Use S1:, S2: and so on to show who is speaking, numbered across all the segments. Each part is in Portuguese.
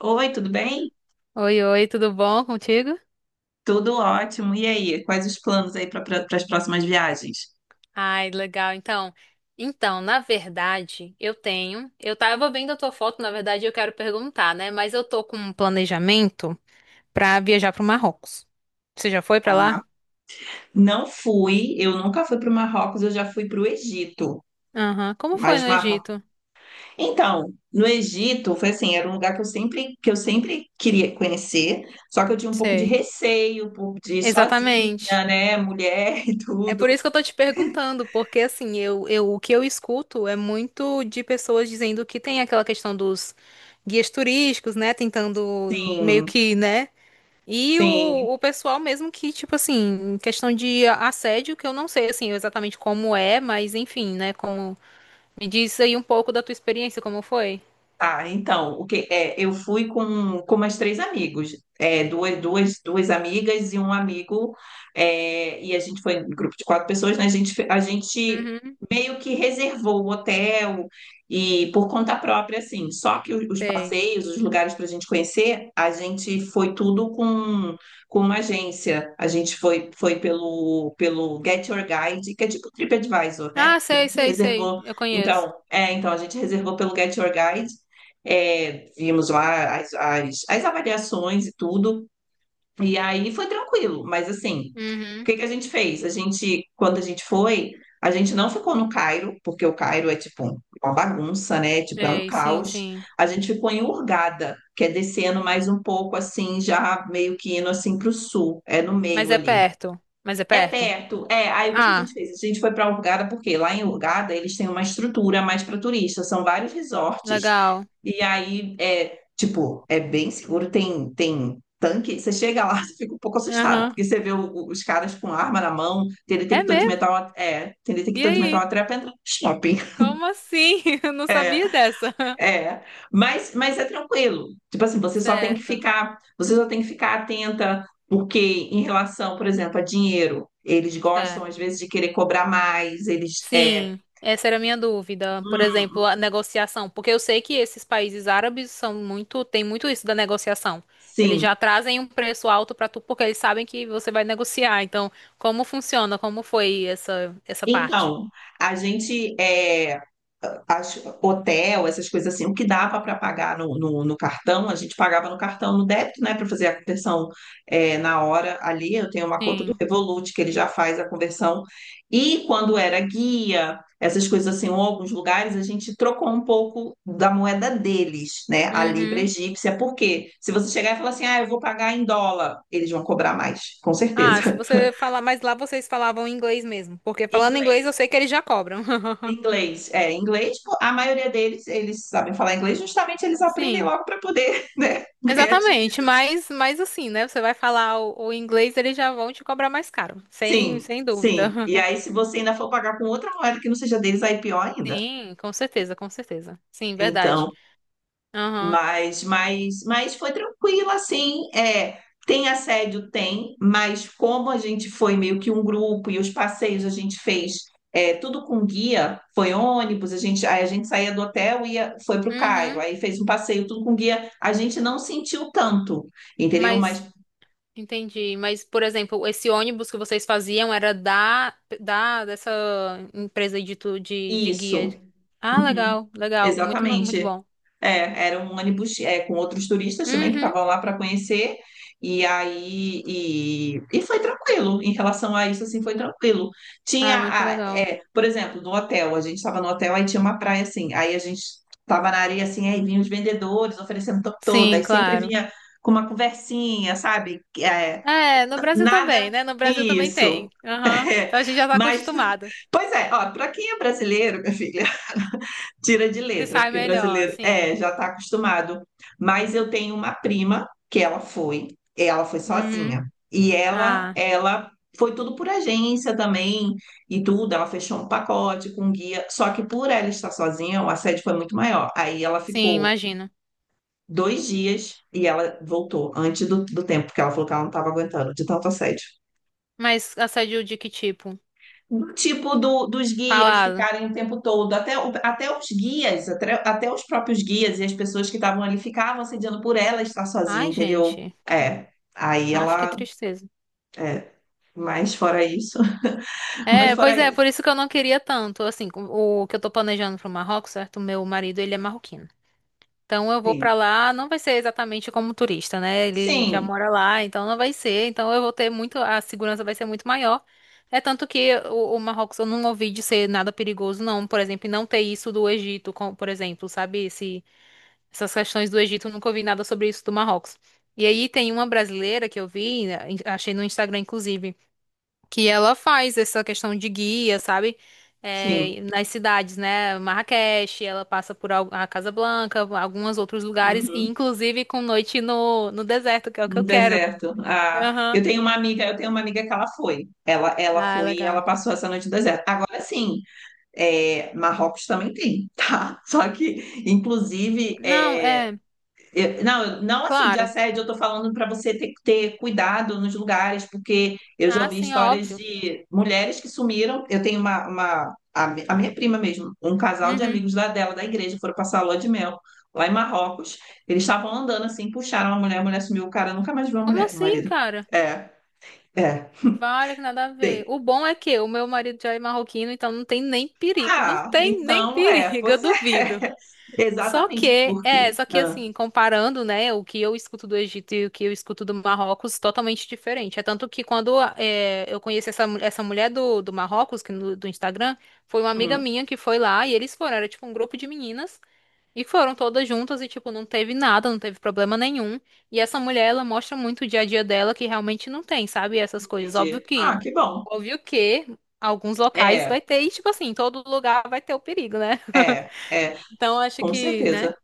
S1: Oi, tudo bem?
S2: Oi, tudo bom contigo?
S1: Tudo ótimo. E aí, quais os planos aí para as próximas viagens?
S2: Ai, legal. Então, na verdade, eu tava vendo a tua foto, na verdade, eu quero perguntar, né? Mas eu tô com um planejamento pra viajar pro Marrocos. Você já foi pra lá?
S1: Aham. Não fui, eu nunca fui para o Marrocos, eu já fui para o Egito.
S2: Aham. Como foi
S1: Mas
S2: no
S1: Marrocos.
S2: Egito?
S1: Então, no Egito foi assim, era um lugar que eu sempre queria conhecer, só que eu tinha um pouco de
S2: Sei.
S1: receio de ir
S2: Exatamente.
S1: sozinha, né, mulher e
S2: É
S1: tudo.
S2: por isso que eu tô te perguntando, porque assim, eu, o que eu escuto é muito de pessoas dizendo que tem aquela questão dos guias turísticos, né? Tentando meio
S1: Sim,
S2: que, né? E
S1: sim.
S2: o, o pessoal mesmo que, tipo assim, em questão de assédio, que eu não sei, assim, exatamente como é, mas enfim, né, como... Me diz aí um pouco da tua experiência, como foi?
S1: Tá, então, o que é, eu fui com mais três amigos, duas amigas e um amigo, e a gente foi em grupo de quatro pessoas, né? A gente
S2: Uhum,
S1: meio que reservou o hotel e por conta própria, assim, só que os
S2: sei.
S1: passeios, os lugares para a gente conhecer, a gente foi tudo com uma agência, a gente foi pelo Get Your Guide, que é tipo um TripAdvisor, né?
S2: Ah,
S1: A
S2: sei,
S1: gente
S2: sei, sei,
S1: reservou,
S2: eu conheço.
S1: então, é, então a gente reservou pelo Get Your Guide, vimos lá as avaliações e tudo. E aí foi tranquilo, mas assim, o
S2: Uhum,
S1: que que a gente fez? Quando a gente foi, a gente não ficou no Cairo, porque o Cairo é tipo uma bagunça, né? Tipo, é um
S2: sei, sim,
S1: caos.
S2: sim.
S1: A gente ficou em Hurghada, que é descendo mais um pouco assim, já meio que indo assim para o sul, é no
S2: Mas
S1: meio
S2: é
S1: ali.
S2: perto, mas é
S1: É
S2: perto.
S1: perto, é. Aí o que que a
S2: Ah,
S1: gente fez? A gente foi para Hurgada, porque lá em Hurgada eles têm uma estrutura mais para turista, são vários resorts,
S2: legal.
S1: e aí é tipo, é bem seguro, tem tanque. Você chega lá, você fica um pouco assustado,
S2: Aham.
S1: porque você vê os caras com arma na mão,
S2: É mesmo?
S1: tem
S2: E
S1: detector de metal
S2: aí?
S1: até para entrar no shopping.
S2: Como assim? Eu não sabia dessa.
S1: É, mas é tranquilo. Tipo assim,
S2: Certo,
S1: você só tem que ficar atenta, porque em relação, por exemplo, a dinheiro, eles gostam às
S2: certo.
S1: vezes de querer cobrar mais, eles
S2: Sim, essa era a minha dúvida. Por exemplo,
S1: hum,
S2: a negociação, porque eu sei que esses países árabes são muito, tem muito isso da negociação. Eles
S1: sim.
S2: já trazem um preço alto pra tu porque eles sabem que você vai negociar. Então, como funciona? Como foi essa parte?
S1: Então, a gente é, as- hotel, essas coisas assim, o que dava para pagar no cartão, a gente pagava no cartão, no débito, né, para fazer a conversão na hora ali. Eu tenho uma conta do
S2: Sim.
S1: Revolut que ele já faz a conversão. E quando era guia, essas coisas assim, ou alguns lugares, a gente trocou um pouco da moeda deles, né, a libra
S2: Uhum.
S1: egípcia, porque se você chegar e falar assim, ah, eu vou pagar em dólar, eles vão cobrar mais, com
S2: Ah, se
S1: certeza.
S2: você falar, mas lá vocês falavam inglês mesmo, porque
S1: Em
S2: falando inglês eu sei
S1: Inglês.
S2: que eles já cobram.
S1: Inglês, pô, a maioria deles, eles sabem falar inglês, justamente eles aprendem
S2: Sim,
S1: logo para poder, né, ganhar
S2: exatamente,
S1: dinheiro.
S2: mas assim, né? Você vai falar o inglês, eles já vão te cobrar mais caro, sem
S1: Sim,
S2: dúvida.
S1: sim. E aí, se você ainda for pagar com outra moeda que não seja deles, aí é pior ainda.
S2: Sim, com certeza, com certeza. Sim, verdade.
S1: Então,
S2: Aham.
S1: mas foi tranquilo, assim, tem assédio? Tem, mas como a gente foi meio que um grupo e os passeios a gente fez tudo com guia, foi ônibus, aí a gente saía do hotel e ia, foi para o Cairo,
S2: Uhum.
S1: aí fez um passeio tudo com guia, a gente não sentiu tanto, entendeu? Mas
S2: Mas, entendi. Mas, por exemplo, esse ônibus que vocês faziam era da, da dessa empresa aí de, tu- de guia.
S1: isso,
S2: Ah,
S1: uhum,
S2: legal, legal. Muito, ma- muito
S1: exatamente.
S2: bom.
S1: É, era um ônibus com outros turistas também que
S2: Uhum.
S1: estavam lá para conhecer, e aí e foi tranquilo em relação a isso, assim, foi tranquilo.
S2: Ah, muito legal.
S1: Por exemplo, no hotel, a gente estava no hotel, aí tinha uma praia assim, aí a gente estava na areia assim, aí vinham os vendedores oferecendo top todo, aí
S2: Sim,
S1: sempre
S2: claro.
S1: vinha com uma conversinha, sabe? É,
S2: É, no Brasil também,
S1: nada.
S2: né? No Brasil também tem.
S1: Isso.
S2: Aham.
S1: É,
S2: Então a gente já tá
S1: mas,
S2: acostumado.
S1: pois é, ó, para quem é brasileiro, minha filha. Tira de
S2: Se
S1: letra,
S2: sai
S1: porque
S2: melhor,
S1: brasileiro
S2: sim,
S1: já está acostumado. Mas eu tenho uma prima que ela foi
S2: uhum.
S1: sozinha. E ela,
S2: Ah,
S1: ela foi tudo por agência também e tudo. Ela fechou um pacote com um guia. Só que por ela estar sozinha, o assédio foi muito maior. Aí ela
S2: sim,
S1: ficou
S2: imagino.
S1: 2 dias e ela voltou antes do tempo, porque ela falou que ela não estava aguentando de tanto assédio.
S2: Mas assédio de que tipo?
S1: Do tipo dos guias
S2: Fala.
S1: ficarem o tempo todo, até os guias, até os próprios guias e as pessoas que estavam ali ficavam assediando por ela estar sozinha,
S2: Ai,
S1: entendeu?
S2: gente.
S1: É, aí
S2: Acho que
S1: ela,
S2: tristeza.
S1: é, mas fora isso, mas
S2: É,
S1: fora
S2: pois é,
S1: isso,
S2: por isso que eu não queria tanto. Assim, com- o que eu tô planejando pro Marrocos, certo? O meu marido, ele é marroquino. Então eu vou
S1: sim,
S2: pra lá, não vai ser exatamente como turista, né? Ele já
S1: sim,
S2: mora lá, então não vai ser. Então eu vou ter muito, a segurança vai ser muito maior. É tanto que o Marrocos eu não ouvi de ser nada perigoso, não. Por exemplo, e não ter isso do Egito, com- por exemplo, sabe? Esse, essas questões do Egito, eu nunca ouvi nada sobre isso do Marrocos. E aí tem uma brasileira que eu vi, né, em- achei no Instagram, inclusive, que ela faz essa questão de guia, sabe?
S1: sim,
S2: É, nas cidades, né? Marrakech, ela passa por al- a Casablanca, alguns outros lugares, e
S1: uhum,
S2: inclusive com noite no deserto, que é o que eu
S1: no
S2: quero.
S1: deserto. Ah,
S2: Aham.
S1: eu tenho uma amiga que ela
S2: Ah,
S1: foi e ela
S2: legal.
S1: passou essa noite no deserto. Agora sim, Marrocos também tem, tá? Só que, inclusive,
S2: Não, é,
S1: Não assim de
S2: claro.
S1: assédio, eu tô falando para você ter que ter cuidado nos lugares, porque eu já
S2: Ah,
S1: ouvi
S2: sim, é
S1: histórias
S2: óbvio.
S1: de mulheres que sumiram. Eu tenho a minha prima mesmo, um casal de
S2: Uhum.
S1: amigos lá dela, da igreja, foram passar a lua de mel lá em Marrocos. Eles estavam andando assim, puxaram a mulher sumiu, o cara nunca mais viu a
S2: Como
S1: mulher, o
S2: assim,
S1: marido.
S2: cara?
S1: É, é,
S2: Vale que nada a ver.
S1: tem.
S2: O bom é que o meu marido já é marroquino, então não tem nem perigo. Não
S1: Ah,
S2: tem nem
S1: então é,
S2: perigo, eu
S1: pois é,
S2: duvido. Só
S1: exatamente,
S2: que, é,
S1: porque.
S2: só que
S1: Ah,
S2: assim, comparando, né, o que eu escuto do Egito e o que eu escuto do Marrocos, totalmente diferente. É tanto que quando é, eu conheci essa, mu- essa mulher do, do Marrocos, que no- do Instagram, foi uma amiga
S1: hum,
S2: minha que foi lá e eles foram, era tipo um grupo de meninas, e foram todas juntas e, tipo, não teve nada, não teve problema nenhum. E essa mulher, ela mostra muito o dia a dia dela que realmente não tem, sabe, essas coisas.
S1: entendi. Ah, que bom.
S2: Óbvio que alguns locais vai
S1: É,
S2: ter, e tipo assim, todo lugar vai ter o perigo, né?
S1: é. É.
S2: Então, acho
S1: Com
S2: que, né?
S1: certeza.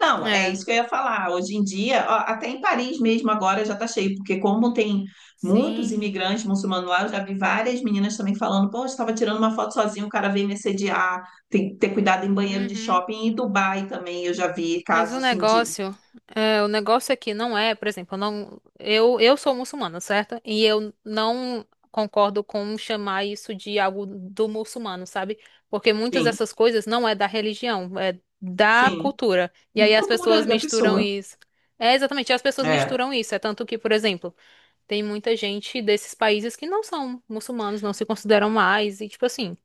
S1: Não, é
S2: É,
S1: isso que eu ia falar. Hoje em dia, ó, até em Paris mesmo agora já está cheio, porque como tem muitos
S2: sim.
S1: imigrantes muçulmanos lá, eu já vi várias meninas também falando, pô, eu estava tirando uma foto sozinha, o cara veio me assediar, tem que ter cuidado em banheiro de
S2: Uhum.
S1: shopping. E em Dubai também eu já vi
S2: Mas
S1: casos
S2: o
S1: assim de.
S2: negócio, é, o negócio aqui não é, por exemplo, eu não, eu sou muçulmana, certo? E eu não concordo com chamar isso de algo do muçulmano, sabe? Porque muitas
S1: Sim,
S2: dessas coisas não é da religião, é da
S1: sim.
S2: cultura. E aí as
S1: Cultura
S2: pessoas
S1: da
S2: misturam
S1: pessoa.
S2: isso. É exatamente, as pessoas
S1: É,
S2: misturam isso. É tanto que, por exemplo, tem muita gente desses países que não são muçulmanos, não se consideram mais, e tipo assim.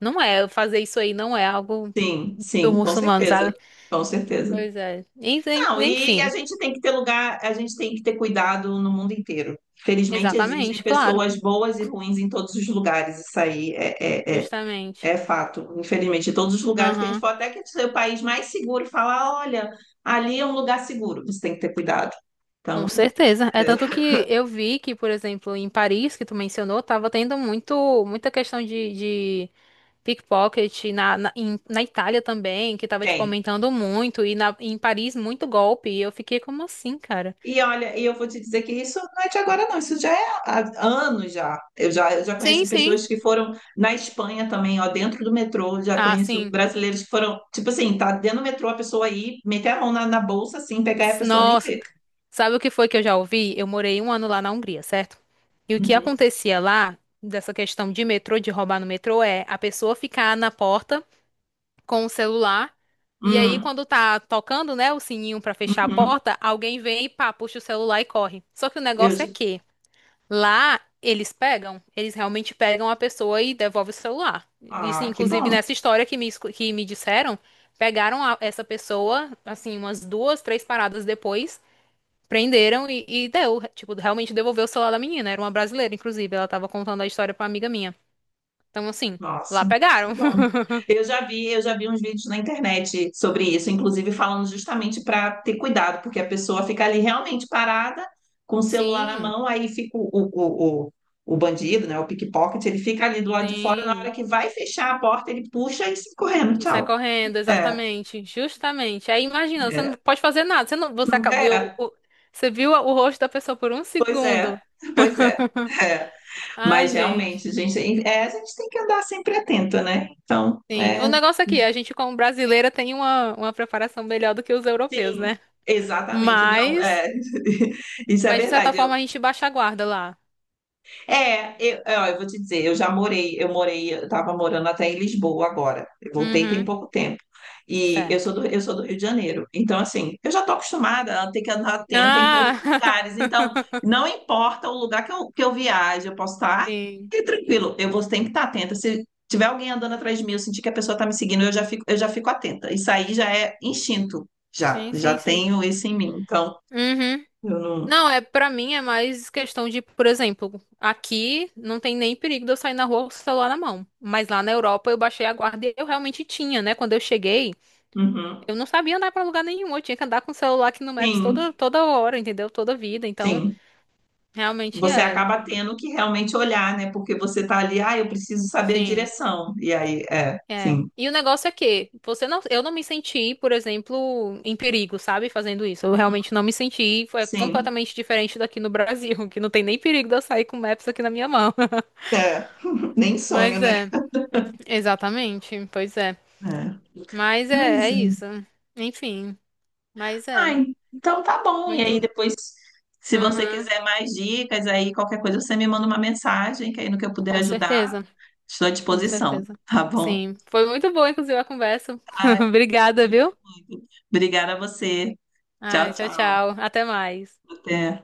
S2: Não é, fazer isso aí não é algo
S1: sim,
S2: do
S1: sim, com
S2: muçulmano, sabe?
S1: certeza. Com certeza.
S2: Pois é. En- en-
S1: Não, e a
S2: Enfim,
S1: gente tem que ter lugar, a gente tem que ter cuidado no mundo inteiro. Felizmente existem
S2: exatamente, claro,
S1: pessoas boas e ruins em todos os lugares, isso aí é, é, é,
S2: justamente.
S1: é fato. Infelizmente, em todos os lugares que a gente
S2: Aham,
S1: pode, até que seja o país mais seguro, falar, olha, ali é um lugar seguro, você tem que ter cuidado.
S2: com
S1: Então,
S2: certeza. É
S1: é,
S2: tanto que eu vi que, por exemplo, em Paris, que tu mencionou, tava tendo muito, muita questão de pickpocket na Itália também, que tava, tipo,
S1: tem.
S2: aumentando muito, e na, em Paris muito golpe, e eu fiquei como assim, cara?
S1: E olha, e eu vou te dizer que isso não é de agora, não, isso já é há anos já. Eu já
S2: Sim,
S1: conheço
S2: sim.
S1: pessoas que foram na Espanha também, ó, dentro do metrô, já
S2: Ah,
S1: conheço
S2: sim.
S1: brasileiros que foram, tipo assim, tá dentro do metrô, a pessoa aí, meter a mão na bolsa assim, pegar e a pessoa nem
S2: Nossa.
S1: vê.
S2: Sabe o que foi que eu já ouvi? Eu morei um ano lá na Hungria, certo? E o que
S1: Uhum,
S2: acontecia lá, dessa questão de metrô, de roubar no metrô, é a pessoa ficar na porta com o celular. E aí,
S1: hum,
S2: quando tá tocando, né, o sininho pra fechar a
S1: uhum.
S2: porta, alguém vem e pá, puxa o celular e corre. Só que o
S1: Eu,
S2: negócio
S1: já-
S2: é que lá eles pegam, eles realmente pegam a pessoa e devolvem o celular. Isso,
S1: ah, que
S2: inclusive,
S1: bom.
S2: nessa história que me, escu- que me disseram, pegaram a- essa pessoa, assim, umas duas, três paradas depois. Prenderam e deu, tipo, realmente devolveu o celular da menina. Era uma brasileira, inclusive. Ela tava contando a história pra uma amiga minha. Então, assim, lá
S1: Nossa,
S2: pegaram.
S1: que bom. Eu já vi uns vídeos na internet sobre isso, inclusive falando justamente para ter cuidado, porque a pessoa fica ali realmente parada com o celular na
S2: Sim,
S1: mão, aí fica o bandido, né, o pickpocket, ele fica ali do lado de fora, na hora
S2: sim.
S1: que vai fechar a porta, ele puxa e sai correndo,
S2: E sai
S1: tchau.
S2: correndo,
S1: É,
S2: exatamente. Justamente. Aí imagina, você não
S1: é,
S2: pode fazer nada. Você não, você acabou, eu-
S1: é,
S2: o- você viu o rosto da pessoa por um
S1: pois é,
S2: segundo.
S1: pois é. É,
S2: Ai,
S1: mas realmente,
S2: gente.
S1: gente, a gente tem que andar sempre atento, né? Então,
S2: Sim. O negócio aqui, a gente como brasileira tem uma preparação melhor do que os europeus,
S1: sim,
S2: né?
S1: exatamente. Não,
S2: Mas,
S1: é, isso é
S2: mas de certa
S1: verdade.
S2: forma a gente baixa a guarda lá.
S1: Ó, eu vou te dizer, eu já morei, eu estava morando até em Lisboa agora. Eu voltei tem
S2: Uhum.
S1: pouco tempo. E
S2: Certo.
S1: eu sou do Rio de Janeiro. Então, assim, eu já estou acostumada a ter que andar atenta em todos os
S2: Ah,
S1: lugares. Então, não importa o lugar que eu viaje, eu posso estar
S2: sim,
S1: fique tranquilo. Eu vou sempre estar atenta. Se tiver alguém andando atrás de mim, eu sentir que a pessoa está me seguindo, eu já fico atenta. Isso aí já é instinto. Já,
S2: sim,
S1: já
S2: sim, sim.
S1: tenho isso em mim. Então,
S2: Uhum.
S1: eu não.
S2: Não, é, para mim é mais questão de, por exemplo, aqui não tem nem perigo de eu sair na rua com o celular na mão. Mas lá na Europa eu baixei a guarda e eu realmente tinha, né? Quando eu cheguei,
S1: Uhum.
S2: eu não sabia andar pra lugar nenhum. Eu tinha que andar com o celular aqui no Maps
S1: Sim,
S2: toda hora, entendeu? Toda vida. Então,
S1: sim.
S2: realmente
S1: Você
S2: é.
S1: acaba tendo que realmente olhar, né? Porque você tá ali, ah, eu preciso saber a
S2: Sim.
S1: direção. E aí,
S2: É.
S1: sim,
S2: E o negócio é que você não, eu não me senti, por exemplo, em perigo, sabe, fazendo isso. Eu realmente não me senti, foi
S1: sim.
S2: completamente diferente daqui no Brasil, que não tem nem perigo de eu sair com o Maps aqui na minha mão.
S1: É, nem sonho,
S2: Mas
S1: né?
S2: é, exatamente, pois é.
S1: É.
S2: Mas é, é
S1: Mas, é.
S2: isso. Enfim, mas
S1: Ah,
S2: é
S1: então tá bom. E aí
S2: muito,
S1: depois, se você
S2: aham,
S1: quiser mais dicas, aí qualquer coisa você me manda uma mensagem, que aí no que eu puder
S2: com
S1: ajudar,
S2: certeza,
S1: estou à
S2: com
S1: disposição,
S2: certeza.
S1: tá bom?
S2: Sim, foi muito boa, inclusive, a conversa.
S1: Ai, eu
S2: Obrigada, viu?
S1: gostei muito. Obrigada a você.
S2: Ai,
S1: Tchau,
S2: tchau,
S1: tchau.
S2: tchau. Até mais.
S1: Até.